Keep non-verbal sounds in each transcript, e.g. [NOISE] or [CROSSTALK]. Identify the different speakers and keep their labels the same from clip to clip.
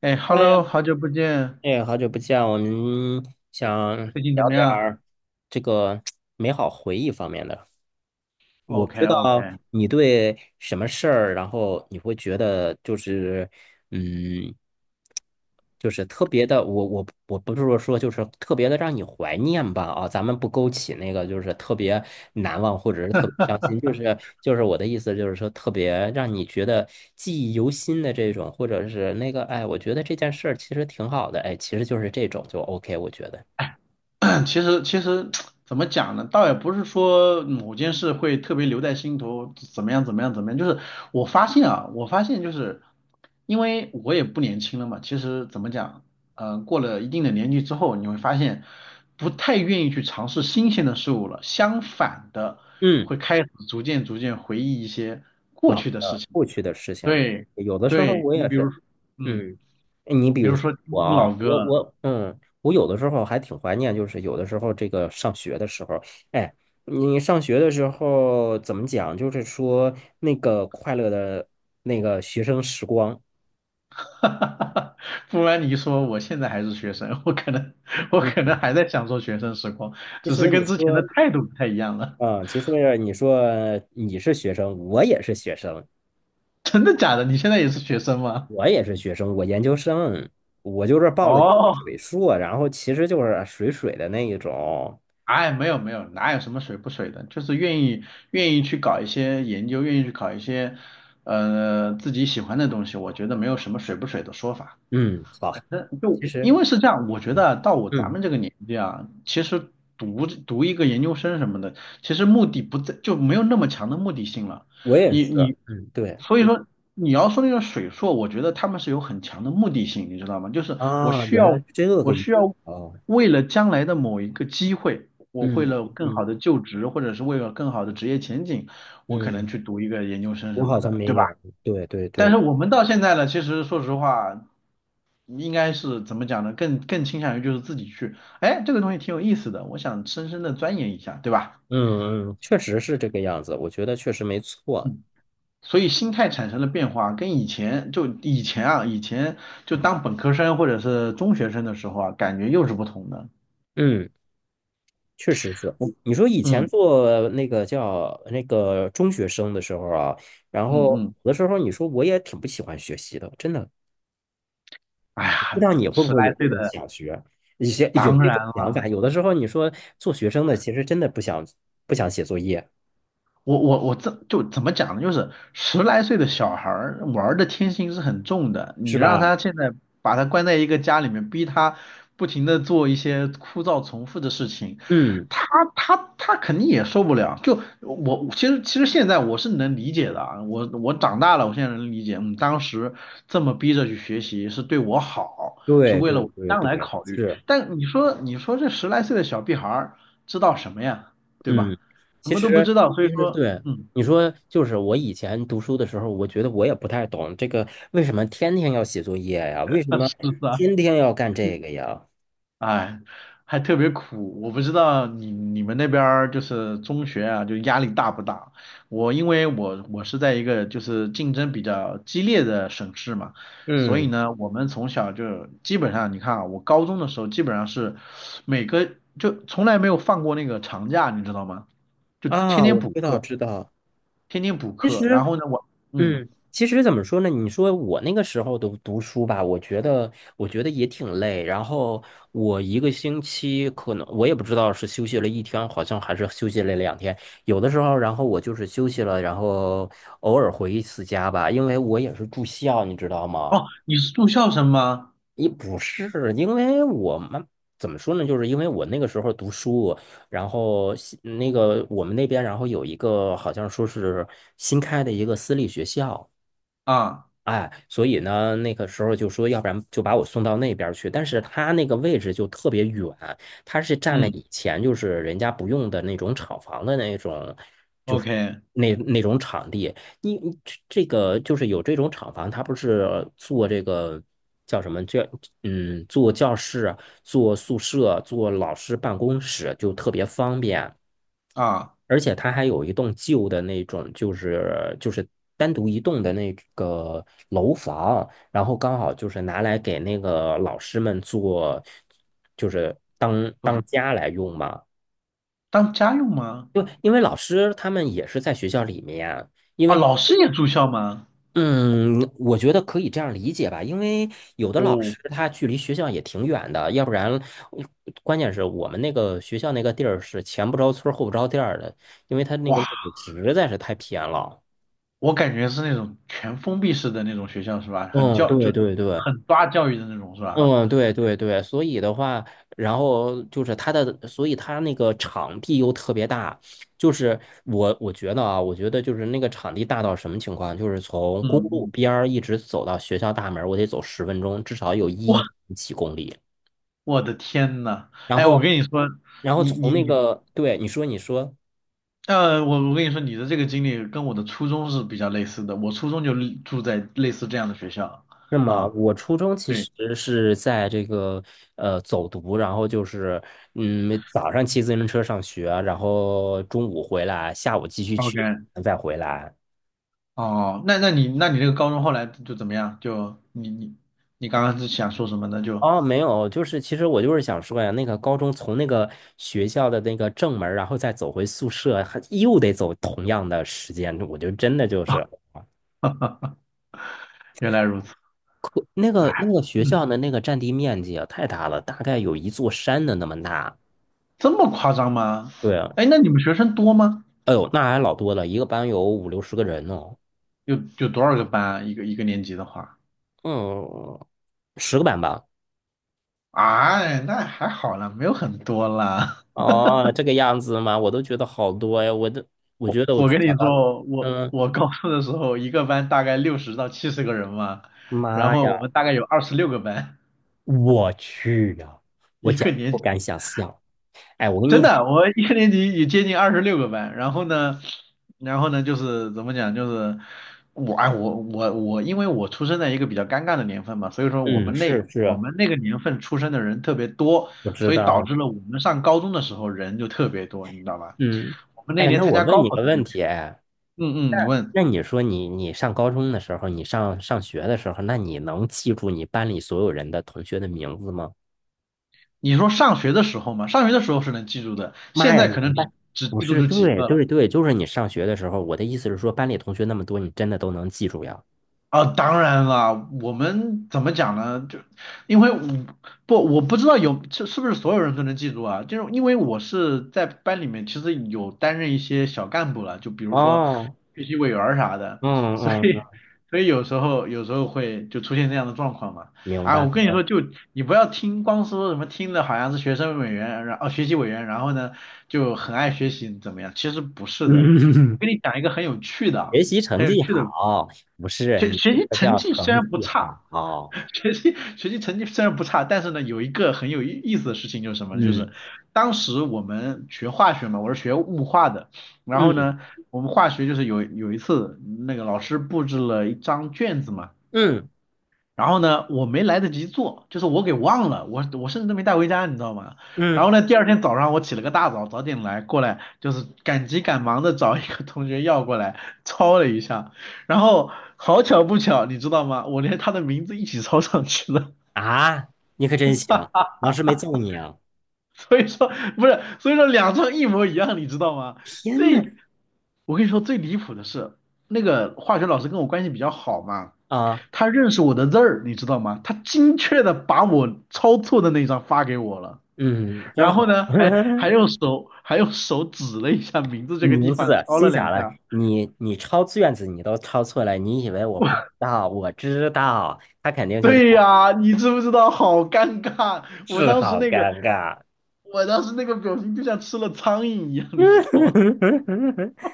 Speaker 1: 哎
Speaker 2: 哎呀，
Speaker 1: ，Hello，好久不见，
Speaker 2: 哎，好久不见，我们想
Speaker 1: 最近怎
Speaker 2: 聊
Speaker 1: 么
Speaker 2: 点
Speaker 1: 样
Speaker 2: 儿这个美好回忆方面的。我不知道
Speaker 1: ？OK，OK
Speaker 2: 你对什么事儿，然后你会觉得就是，嗯，就是特别的，我不是说说就是特别的让你怀念吧啊，咱们不勾起那个就是特别难忘或者是特别伤
Speaker 1: [COUGHS]。
Speaker 2: 心，就是我的意思就是说特别让你觉得记忆犹新的这种，或者是那个哎，我觉得这件事儿其实挺好的，哎，其实就是这种就 OK，我觉得，
Speaker 1: [CLEARS THROAT] 其实怎么讲呢？倒也不是说某件事会特别留在心头，怎么样怎么样怎么样。就是我发现啊，我发现就是因为我也不年轻了嘛，其实怎么讲，嗯，过了一定的年纪之后，你会发现不太愿意去尝试新鲜的事物了，相反的
Speaker 2: 嗯，
Speaker 1: 会开始逐渐回忆一些，
Speaker 2: 老的过去的事情，
Speaker 1: 对
Speaker 2: 有的时候
Speaker 1: 对，
Speaker 2: 我
Speaker 1: 你
Speaker 2: 也
Speaker 1: 比如
Speaker 2: 是。
Speaker 1: 说，嗯，
Speaker 2: 嗯，你比
Speaker 1: 比
Speaker 2: 如
Speaker 1: 如
Speaker 2: 说
Speaker 1: 说
Speaker 2: 我
Speaker 1: 听
Speaker 2: 啊，
Speaker 1: 老歌。
Speaker 2: 我有的时候还挺怀念，就是有的时候这个上学的时候，哎，你上学的时候怎么讲？就是说那个快乐的那个学生时光。
Speaker 1: [LAUGHS] 哈哈哈哈不然你一说，我现在还是学生，我可能我
Speaker 2: 嗯，
Speaker 1: 可能还在享受学生时光，
Speaker 2: 其
Speaker 1: 只是
Speaker 2: 实你
Speaker 1: 跟之前的
Speaker 2: 说，
Speaker 1: 态度不太一样了。
Speaker 2: 啊，其实你是学生，我也是学生，
Speaker 1: [LAUGHS] 真的假的？你现在也是学生吗？
Speaker 2: 我研究生，我就是报了一个
Speaker 1: 哦，
Speaker 2: 水硕，然后其实就是水水的那一种。
Speaker 1: 哎，没有没有，哪有什么水不水的，就是愿意去搞一些研究，愿意去搞一些自己喜欢的东西，我觉得没有什么水不水的说法。
Speaker 2: 嗯，好，
Speaker 1: 那就
Speaker 2: 其实。
Speaker 1: 因为是这样，我觉得啊到我咱
Speaker 2: 嗯。
Speaker 1: 们这个年纪啊，其实读一个研究生什么的，其实目的不在，就没有那么强的目的性了。
Speaker 2: 我也
Speaker 1: 你
Speaker 2: 是，
Speaker 1: 你，
Speaker 2: 嗯，对，
Speaker 1: 所以说你要说那个水硕，我觉得他们是有很强的目的性，你知道吗？就是我
Speaker 2: 啊，
Speaker 1: 需
Speaker 2: 原来
Speaker 1: 要
Speaker 2: 是这个
Speaker 1: 我
Speaker 2: 意思
Speaker 1: 需要
Speaker 2: 哦，
Speaker 1: 为了将来的某一个机会，我为
Speaker 2: 嗯
Speaker 1: 了
Speaker 2: 嗯
Speaker 1: 更
Speaker 2: 嗯，
Speaker 1: 好的就职，或者是为了更好的职业前景，我可能
Speaker 2: 嗯，
Speaker 1: 去读一个研究生
Speaker 2: 我
Speaker 1: 什么
Speaker 2: 好像
Speaker 1: 的，对
Speaker 2: 没
Speaker 1: 吧？
Speaker 2: 有，对对对，
Speaker 1: 但是我们到现在呢，其实说实话，应该是怎么讲呢？更倾向于就是自己去，哎，这个东西挺有意思的，我想深深的钻研一下，对吧？
Speaker 2: 嗯嗯，确实是这个样子，我觉得确实没错，
Speaker 1: 嗯，所以心态产生了变化，跟以前就以前啊，以前就当本科生或者是中学生的时候啊，感觉又是不同的。
Speaker 2: 嗯，确实是。
Speaker 1: 我，
Speaker 2: 你说以前
Speaker 1: 嗯
Speaker 2: 做那个叫那个中学生的时候啊，然
Speaker 1: 嗯
Speaker 2: 后
Speaker 1: 嗯，
Speaker 2: 有的时候你说我也挺不喜欢学习的，真的，
Speaker 1: 哎
Speaker 2: 不知
Speaker 1: 呀，
Speaker 2: 道你会不
Speaker 1: 十
Speaker 2: 会有
Speaker 1: 来
Speaker 2: 这
Speaker 1: 岁
Speaker 2: 种
Speaker 1: 的，
Speaker 2: 想学，一些有
Speaker 1: 当
Speaker 2: 这种
Speaker 1: 然
Speaker 2: 想法，有的时候你说做学生的其实真的不想写作业，
Speaker 1: 我这就怎么讲呢？就是十来岁的小孩儿玩儿的天性是很重的，你
Speaker 2: 是
Speaker 1: 让
Speaker 2: 吧？
Speaker 1: 他现在把他关在一个家里面，逼他不停的做一些枯燥重复的事情，
Speaker 2: 嗯。
Speaker 1: 他他肯定也受不了。就我其实现在我是能理解的啊，我长大了，我现在能理解，嗯，当时这么逼着去学习是对我好，是
Speaker 2: 对
Speaker 1: 为
Speaker 2: 对
Speaker 1: 了我
Speaker 2: 对
Speaker 1: 将来
Speaker 2: 对，
Speaker 1: 考虑。
Speaker 2: 是，
Speaker 1: 但你说这十来岁的小屁孩儿知道什么呀？对吧？
Speaker 2: 嗯，
Speaker 1: 什
Speaker 2: 其
Speaker 1: 么都不
Speaker 2: 实
Speaker 1: 知道，所
Speaker 2: 其
Speaker 1: 以
Speaker 2: 实
Speaker 1: 说，
Speaker 2: 对
Speaker 1: 嗯，
Speaker 2: 你说，就是我以前读书的时候，我觉得我也不太懂这个为什么天天要写作业呀？为什么
Speaker 1: 是的，
Speaker 2: 天天要干这个呀？
Speaker 1: 哎，还特别苦。我不知道你们那边儿就是中学啊，就压力大不大？我因为我是在一个就是竞争比较激烈的省市嘛，所以
Speaker 2: 嗯，
Speaker 1: 呢，我们从小就基本上，你看啊，我高中的时候基本上是每个就从来没有放过那个长假，你知道吗？就
Speaker 2: 啊，
Speaker 1: 天天
Speaker 2: 我
Speaker 1: 补
Speaker 2: 知道
Speaker 1: 课，
Speaker 2: 知道。
Speaker 1: 天天补
Speaker 2: 其
Speaker 1: 课。
Speaker 2: 实。
Speaker 1: 然后呢，我嗯，
Speaker 2: 嗯，其实怎么说呢？你说我那个时候读读书吧，我觉得也挺累。然后我一个星期可能我也不知道是休息了一天，好像还是休息了2天。有的时候，然后我就是休息了，然后偶尔回一次家吧，因为我也是住校，你知道吗？
Speaker 1: 哦，你是住校生吗？
Speaker 2: 也不是，因为我们怎么说呢？就是因为我那个时候读书，然后那个我们那边，然后有一个好像说是新开的一个私立学校。
Speaker 1: 啊，
Speaker 2: 哎，所以呢，那个时候就说，要不然就把我送到那边儿去。但是他那个位置就特别远，他是占了
Speaker 1: 嗯
Speaker 2: 以前就是人家不用的那种厂房的那种，就是
Speaker 1: ，OK。
Speaker 2: 那种场地。你这个就是有这种厂房，他不是做这个叫什么教，做教室啊、做宿舍、做老师办公室就特别方便。
Speaker 1: 啊，
Speaker 2: 而且它还有一栋旧的那种，就是单独一栋的那个楼房，然后刚好就是拿来给那个老师们做，就是当
Speaker 1: 做什
Speaker 2: 当
Speaker 1: 么？
Speaker 2: 家来用嘛。
Speaker 1: 当家用吗？
Speaker 2: 因为老师他们也是在学校里面啊，因
Speaker 1: 啊，
Speaker 2: 为
Speaker 1: 老师也住校吗？
Speaker 2: 嗯，我觉得可以这样理解吧，因为有的老
Speaker 1: 哦，
Speaker 2: 师他距离学校也挺远的，要不然嗯关键是我们那个学校那个地儿是前不着村儿后不着店儿的，因为他那个
Speaker 1: 哇，
Speaker 2: 位置实在是太偏了。
Speaker 1: 我感觉是那种全封闭式的那种学校是吧？很
Speaker 2: 嗯，
Speaker 1: 教就
Speaker 2: 对对对，
Speaker 1: 很抓教育的那种是吧？
Speaker 2: 嗯，对对对，所以的话，然后就是它的，所以它那个场地又特别大，就是我觉得啊，我觉得就是那个场地大到什么情况，就是从公
Speaker 1: 嗯
Speaker 2: 路
Speaker 1: 嗯，
Speaker 2: 边儿一直走到学校大门儿，我得走10分钟，至少有一
Speaker 1: 哇，
Speaker 2: 点几公里。
Speaker 1: 我的天呐！
Speaker 2: 然
Speaker 1: 哎，我
Speaker 2: 后，
Speaker 1: 跟你说，
Speaker 2: 然后
Speaker 1: 你
Speaker 2: 从
Speaker 1: 你
Speaker 2: 那
Speaker 1: 你，
Speaker 2: 个，对，你说你说。
Speaker 1: 呃，我我跟你说，你的这个经历跟我的初中是比较类似的。我初中就住在类似这样的学校
Speaker 2: 那么
Speaker 1: 啊，
Speaker 2: 我初中其
Speaker 1: 对
Speaker 2: 实是在这个走读，然后就是早上骑自行车上学，然后中午回来，下午继续去。
Speaker 1: ，OK，哦，那你这个高中后来就怎么样？就你刚刚是想说什么呢？就
Speaker 2: 哦，没有，就是其实我就是想说呀，那个高中从那个学校的那个正门儿然后再走回宿舍，还又得走同样的时间，我就真的就是
Speaker 1: [LAUGHS] 原来如此。
Speaker 2: 可那个
Speaker 1: 哎，
Speaker 2: 那个学校的那个占地面积啊太大了，大概有一座山的那么大。
Speaker 1: 这么夸张吗？
Speaker 2: 对啊，
Speaker 1: 哎，那你们学生多吗？
Speaker 2: 哎呦，那还老多了，一个班有五六十个人呢。
Speaker 1: 有有多少个班啊？一个一个年级的话，
Speaker 2: 嗯，10个班吧？
Speaker 1: 哎，那还好啦，没有很多啦。
Speaker 2: 哦，这个样子吗？我都觉得好多呀，我都我觉得
Speaker 1: [LAUGHS]
Speaker 2: 我
Speaker 1: 我
Speaker 2: 从
Speaker 1: 跟你
Speaker 2: 小到，
Speaker 1: 说，我
Speaker 2: 嗯，
Speaker 1: 我高中的时候，一个班大概60到70个人嘛，然
Speaker 2: 妈
Speaker 1: 后我
Speaker 2: 呀，
Speaker 1: 们大概有二十六个班，
Speaker 2: 我去呀，我
Speaker 1: 一
Speaker 2: 简
Speaker 1: 个
Speaker 2: 直
Speaker 1: 年
Speaker 2: 不
Speaker 1: 级。
Speaker 2: 敢想象。哎，我跟你
Speaker 1: 真
Speaker 2: 讲，
Speaker 1: 的，我一个年级也接近二十六个班，然后呢，然后呢，就是怎么讲，就是我，哎，我，因为我出生在一个比较尴尬的年份嘛，所以说
Speaker 2: 嗯，是
Speaker 1: 我
Speaker 2: 是，
Speaker 1: 们那个年份出生的人特别多，
Speaker 2: 我知
Speaker 1: 所以导
Speaker 2: 道，
Speaker 1: 致了我们上高中的时候人就特别多，你知道吧？
Speaker 2: 嗯，
Speaker 1: 我们那
Speaker 2: 哎，
Speaker 1: 年
Speaker 2: 那
Speaker 1: 参
Speaker 2: 我
Speaker 1: 加
Speaker 2: 问
Speaker 1: 高
Speaker 2: 你
Speaker 1: 考
Speaker 2: 个
Speaker 1: 的
Speaker 2: 问
Speaker 1: 人，
Speaker 2: 题，哎，
Speaker 1: 嗯嗯，你问，
Speaker 2: 那你说你你上高中的时候，你上学的时候，那你能记住你班里所有人的同学的名字吗？
Speaker 1: 你说上学的时候嘛，上学的时候是能记住的，
Speaker 2: 妈
Speaker 1: 现
Speaker 2: 呀，
Speaker 1: 在
Speaker 2: 你
Speaker 1: 可
Speaker 2: 们
Speaker 1: 能
Speaker 2: 班
Speaker 1: 只
Speaker 2: 不
Speaker 1: 记住
Speaker 2: 是，
Speaker 1: 这几
Speaker 2: 对
Speaker 1: 个了。
Speaker 2: 对对，就是你上学的时候，我的意思是说，班里同学那么多，你真的都能记住呀？
Speaker 1: 啊，当然了，我们怎么讲呢？就因为我不知道有是不是所有人都能记住啊？就是因为我是在班里面其实有担任一些小干部了，就比如说
Speaker 2: 哦，
Speaker 1: 学习委员儿啥的，
Speaker 2: 嗯
Speaker 1: 所
Speaker 2: 嗯
Speaker 1: 以
Speaker 2: 嗯，
Speaker 1: 所以有时候会就出现这样的状况嘛。
Speaker 2: 明
Speaker 1: 啊，
Speaker 2: 白
Speaker 1: 我跟你
Speaker 2: 了。
Speaker 1: 说，就你不要听光说什么听的好像是学生委员，然后哦学习委员，然后呢就很爱学习怎么样？其实不是的，我
Speaker 2: 嗯，
Speaker 1: 跟你讲一个很有趣的
Speaker 2: [LAUGHS] 学
Speaker 1: 啊，
Speaker 2: 习成
Speaker 1: 很有
Speaker 2: 绩
Speaker 1: 趣的。
Speaker 2: 好，不是
Speaker 1: 学
Speaker 2: 你
Speaker 1: 学
Speaker 2: 这
Speaker 1: 习
Speaker 2: 个
Speaker 1: 成
Speaker 2: 叫
Speaker 1: 绩虽
Speaker 2: 成
Speaker 1: 然不
Speaker 2: 绩
Speaker 1: 差，
Speaker 2: 好。
Speaker 1: 学习成绩虽然不差，但是呢，有一个很有意意思的事情就是什么呢？就
Speaker 2: 嗯
Speaker 1: 是当时我们学化学嘛，我是学物化的，然后
Speaker 2: 嗯
Speaker 1: 呢，我们化学就是有一次那个老师布置了一张卷子嘛，
Speaker 2: 嗯
Speaker 1: 然后呢，我没来得及做，就是我给忘了，我甚至都没带回家，你知道吗？然
Speaker 2: 嗯
Speaker 1: 后呢，第二天早上我起了个大早，早点来过来，就是赶急赶忙的找一个同学要过来抄了一下，然后好巧不巧，你知道吗？我连他的名字一起抄上去了，
Speaker 2: 啊，你可真行，老师没揍你啊！
Speaker 1: [LAUGHS] 所以说不是，所以说两张一模一样，你知道吗？
Speaker 2: 天呐，
Speaker 1: 最我跟你说最离谱的是，那个化学老师跟我关系比较好嘛。
Speaker 2: 啊，
Speaker 1: 他认识我的字儿，你知道吗？他精确的把我抄错的那一张发给我了，
Speaker 2: 嗯，真
Speaker 1: 然后
Speaker 2: 好。
Speaker 1: 呢，还还
Speaker 2: [LAUGHS]
Speaker 1: 用手还用手指了一下名字这个地
Speaker 2: 名字
Speaker 1: 方，敲了
Speaker 2: 心想
Speaker 1: 两
Speaker 2: 了，
Speaker 1: 下。
Speaker 2: 你抄卷子你都抄错了，你以为我
Speaker 1: [LAUGHS] 我
Speaker 2: 不知道？我知道，他肯定就这
Speaker 1: 对
Speaker 2: 样，
Speaker 1: 呀，你知不知道？好尴尬！我
Speaker 2: 是
Speaker 1: 当时
Speaker 2: 好
Speaker 1: 那个，
Speaker 2: 尴尬。
Speaker 1: 我当时那个表情就像吃了苍蝇一样，你知道吗？
Speaker 2: [LAUGHS]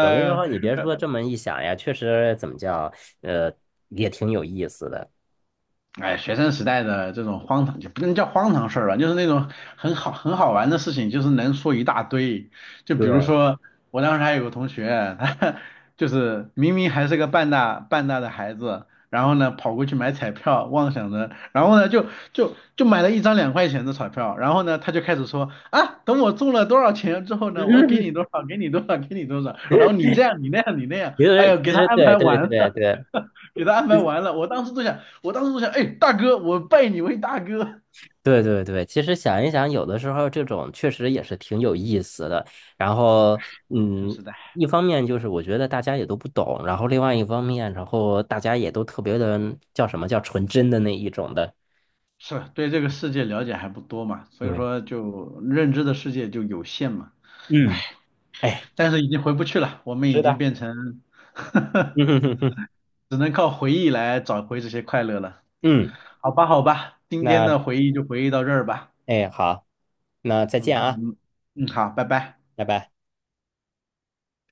Speaker 2: 有的时
Speaker 1: 呀，
Speaker 2: 候你别
Speaker 1: 呃
Speaker 2: 说这么一想呀，确实怎么叫，呃，也挺有意思的。
Speaker 1: 哎，学生时代的这种荒唐就不能叫荒唐事儿吧，就是那种很好玩的事情，就是能说一大堆。就比如
Speaker 2: 对，[LAUGHS]
Speaker 1: 说，我当时还有个同学，他 [LAUGHS] 就是明明还是个半大半大的孩子，然后呢跑过去买彩票，妄想着，然后呢就买了一张2块钱的彩票，然后呢他就开始说啊，等我中了多少钱之后呢，我给
Speaker 2: 嗯，
Speaker 1: 你多少，给你多少，给你多少，然后你这样你那样你那样，
Speaker 2: 其
Speaker 1: 哎
Speaker 2: 实
Speaker 1: 呦，给
Speaker 2: 其
Speaker 1: 他
Speaker 2: 实
Speaker 1: 安
Speaker 2: 对
Speaker 1: 排
Speaker 2: 对
Speaker 1: 完
Speaker 2: 对
Speaker 1: 了。
Speaker 2: 对
Speaker 1: [LAUGHS] 给他安排完了，我当时都想，我当时就想，哎，大哥，我拜你为大哥。
Speaker 2: 对对对，其实想一想，有的时候这种确实也是挺有意思的。然后，
Speaker 1: 是生
Speaker 2: 嗯，
Speaker 1: 时代
Speaker 2: 一方面就是我觉得大家也都不懂，然后另外一方面，然后大家也都特别的叫什么叫纯真的那一种的。
Speaker 1: 是对这个世界了解还不多嘛，所以
Speaker 2: 对，
Speaker 1: 说就认知的世界就有限嘛。
Speaker 2: 嗯，哎，
Speaker 1: 但是已经回不去了，我们已
Speaker 2: 是
Speaker 1: 经
Speaker 2: 的，
Speaker 1: 变成
Speaker 2: [LAUGHS]
Speaker 1: [LAUGHS]，
Speaker 2: 嗯嗯
Speaker 1: 只能靠回忆来找回这些快乐了。
Speaker 2: 嗯，
Speaker 1: 好吧，好吧，今天
Speaker 2: 那
Speaker 1: 的回忆就回忆到这儿吧。
Speaker 2: 哎好，那再
Speaker 1: 嗯
Speaker 2: 见啊，
Speaker 1: 嗯嗯，好，拜拜。
Speaker 2: 拜拜。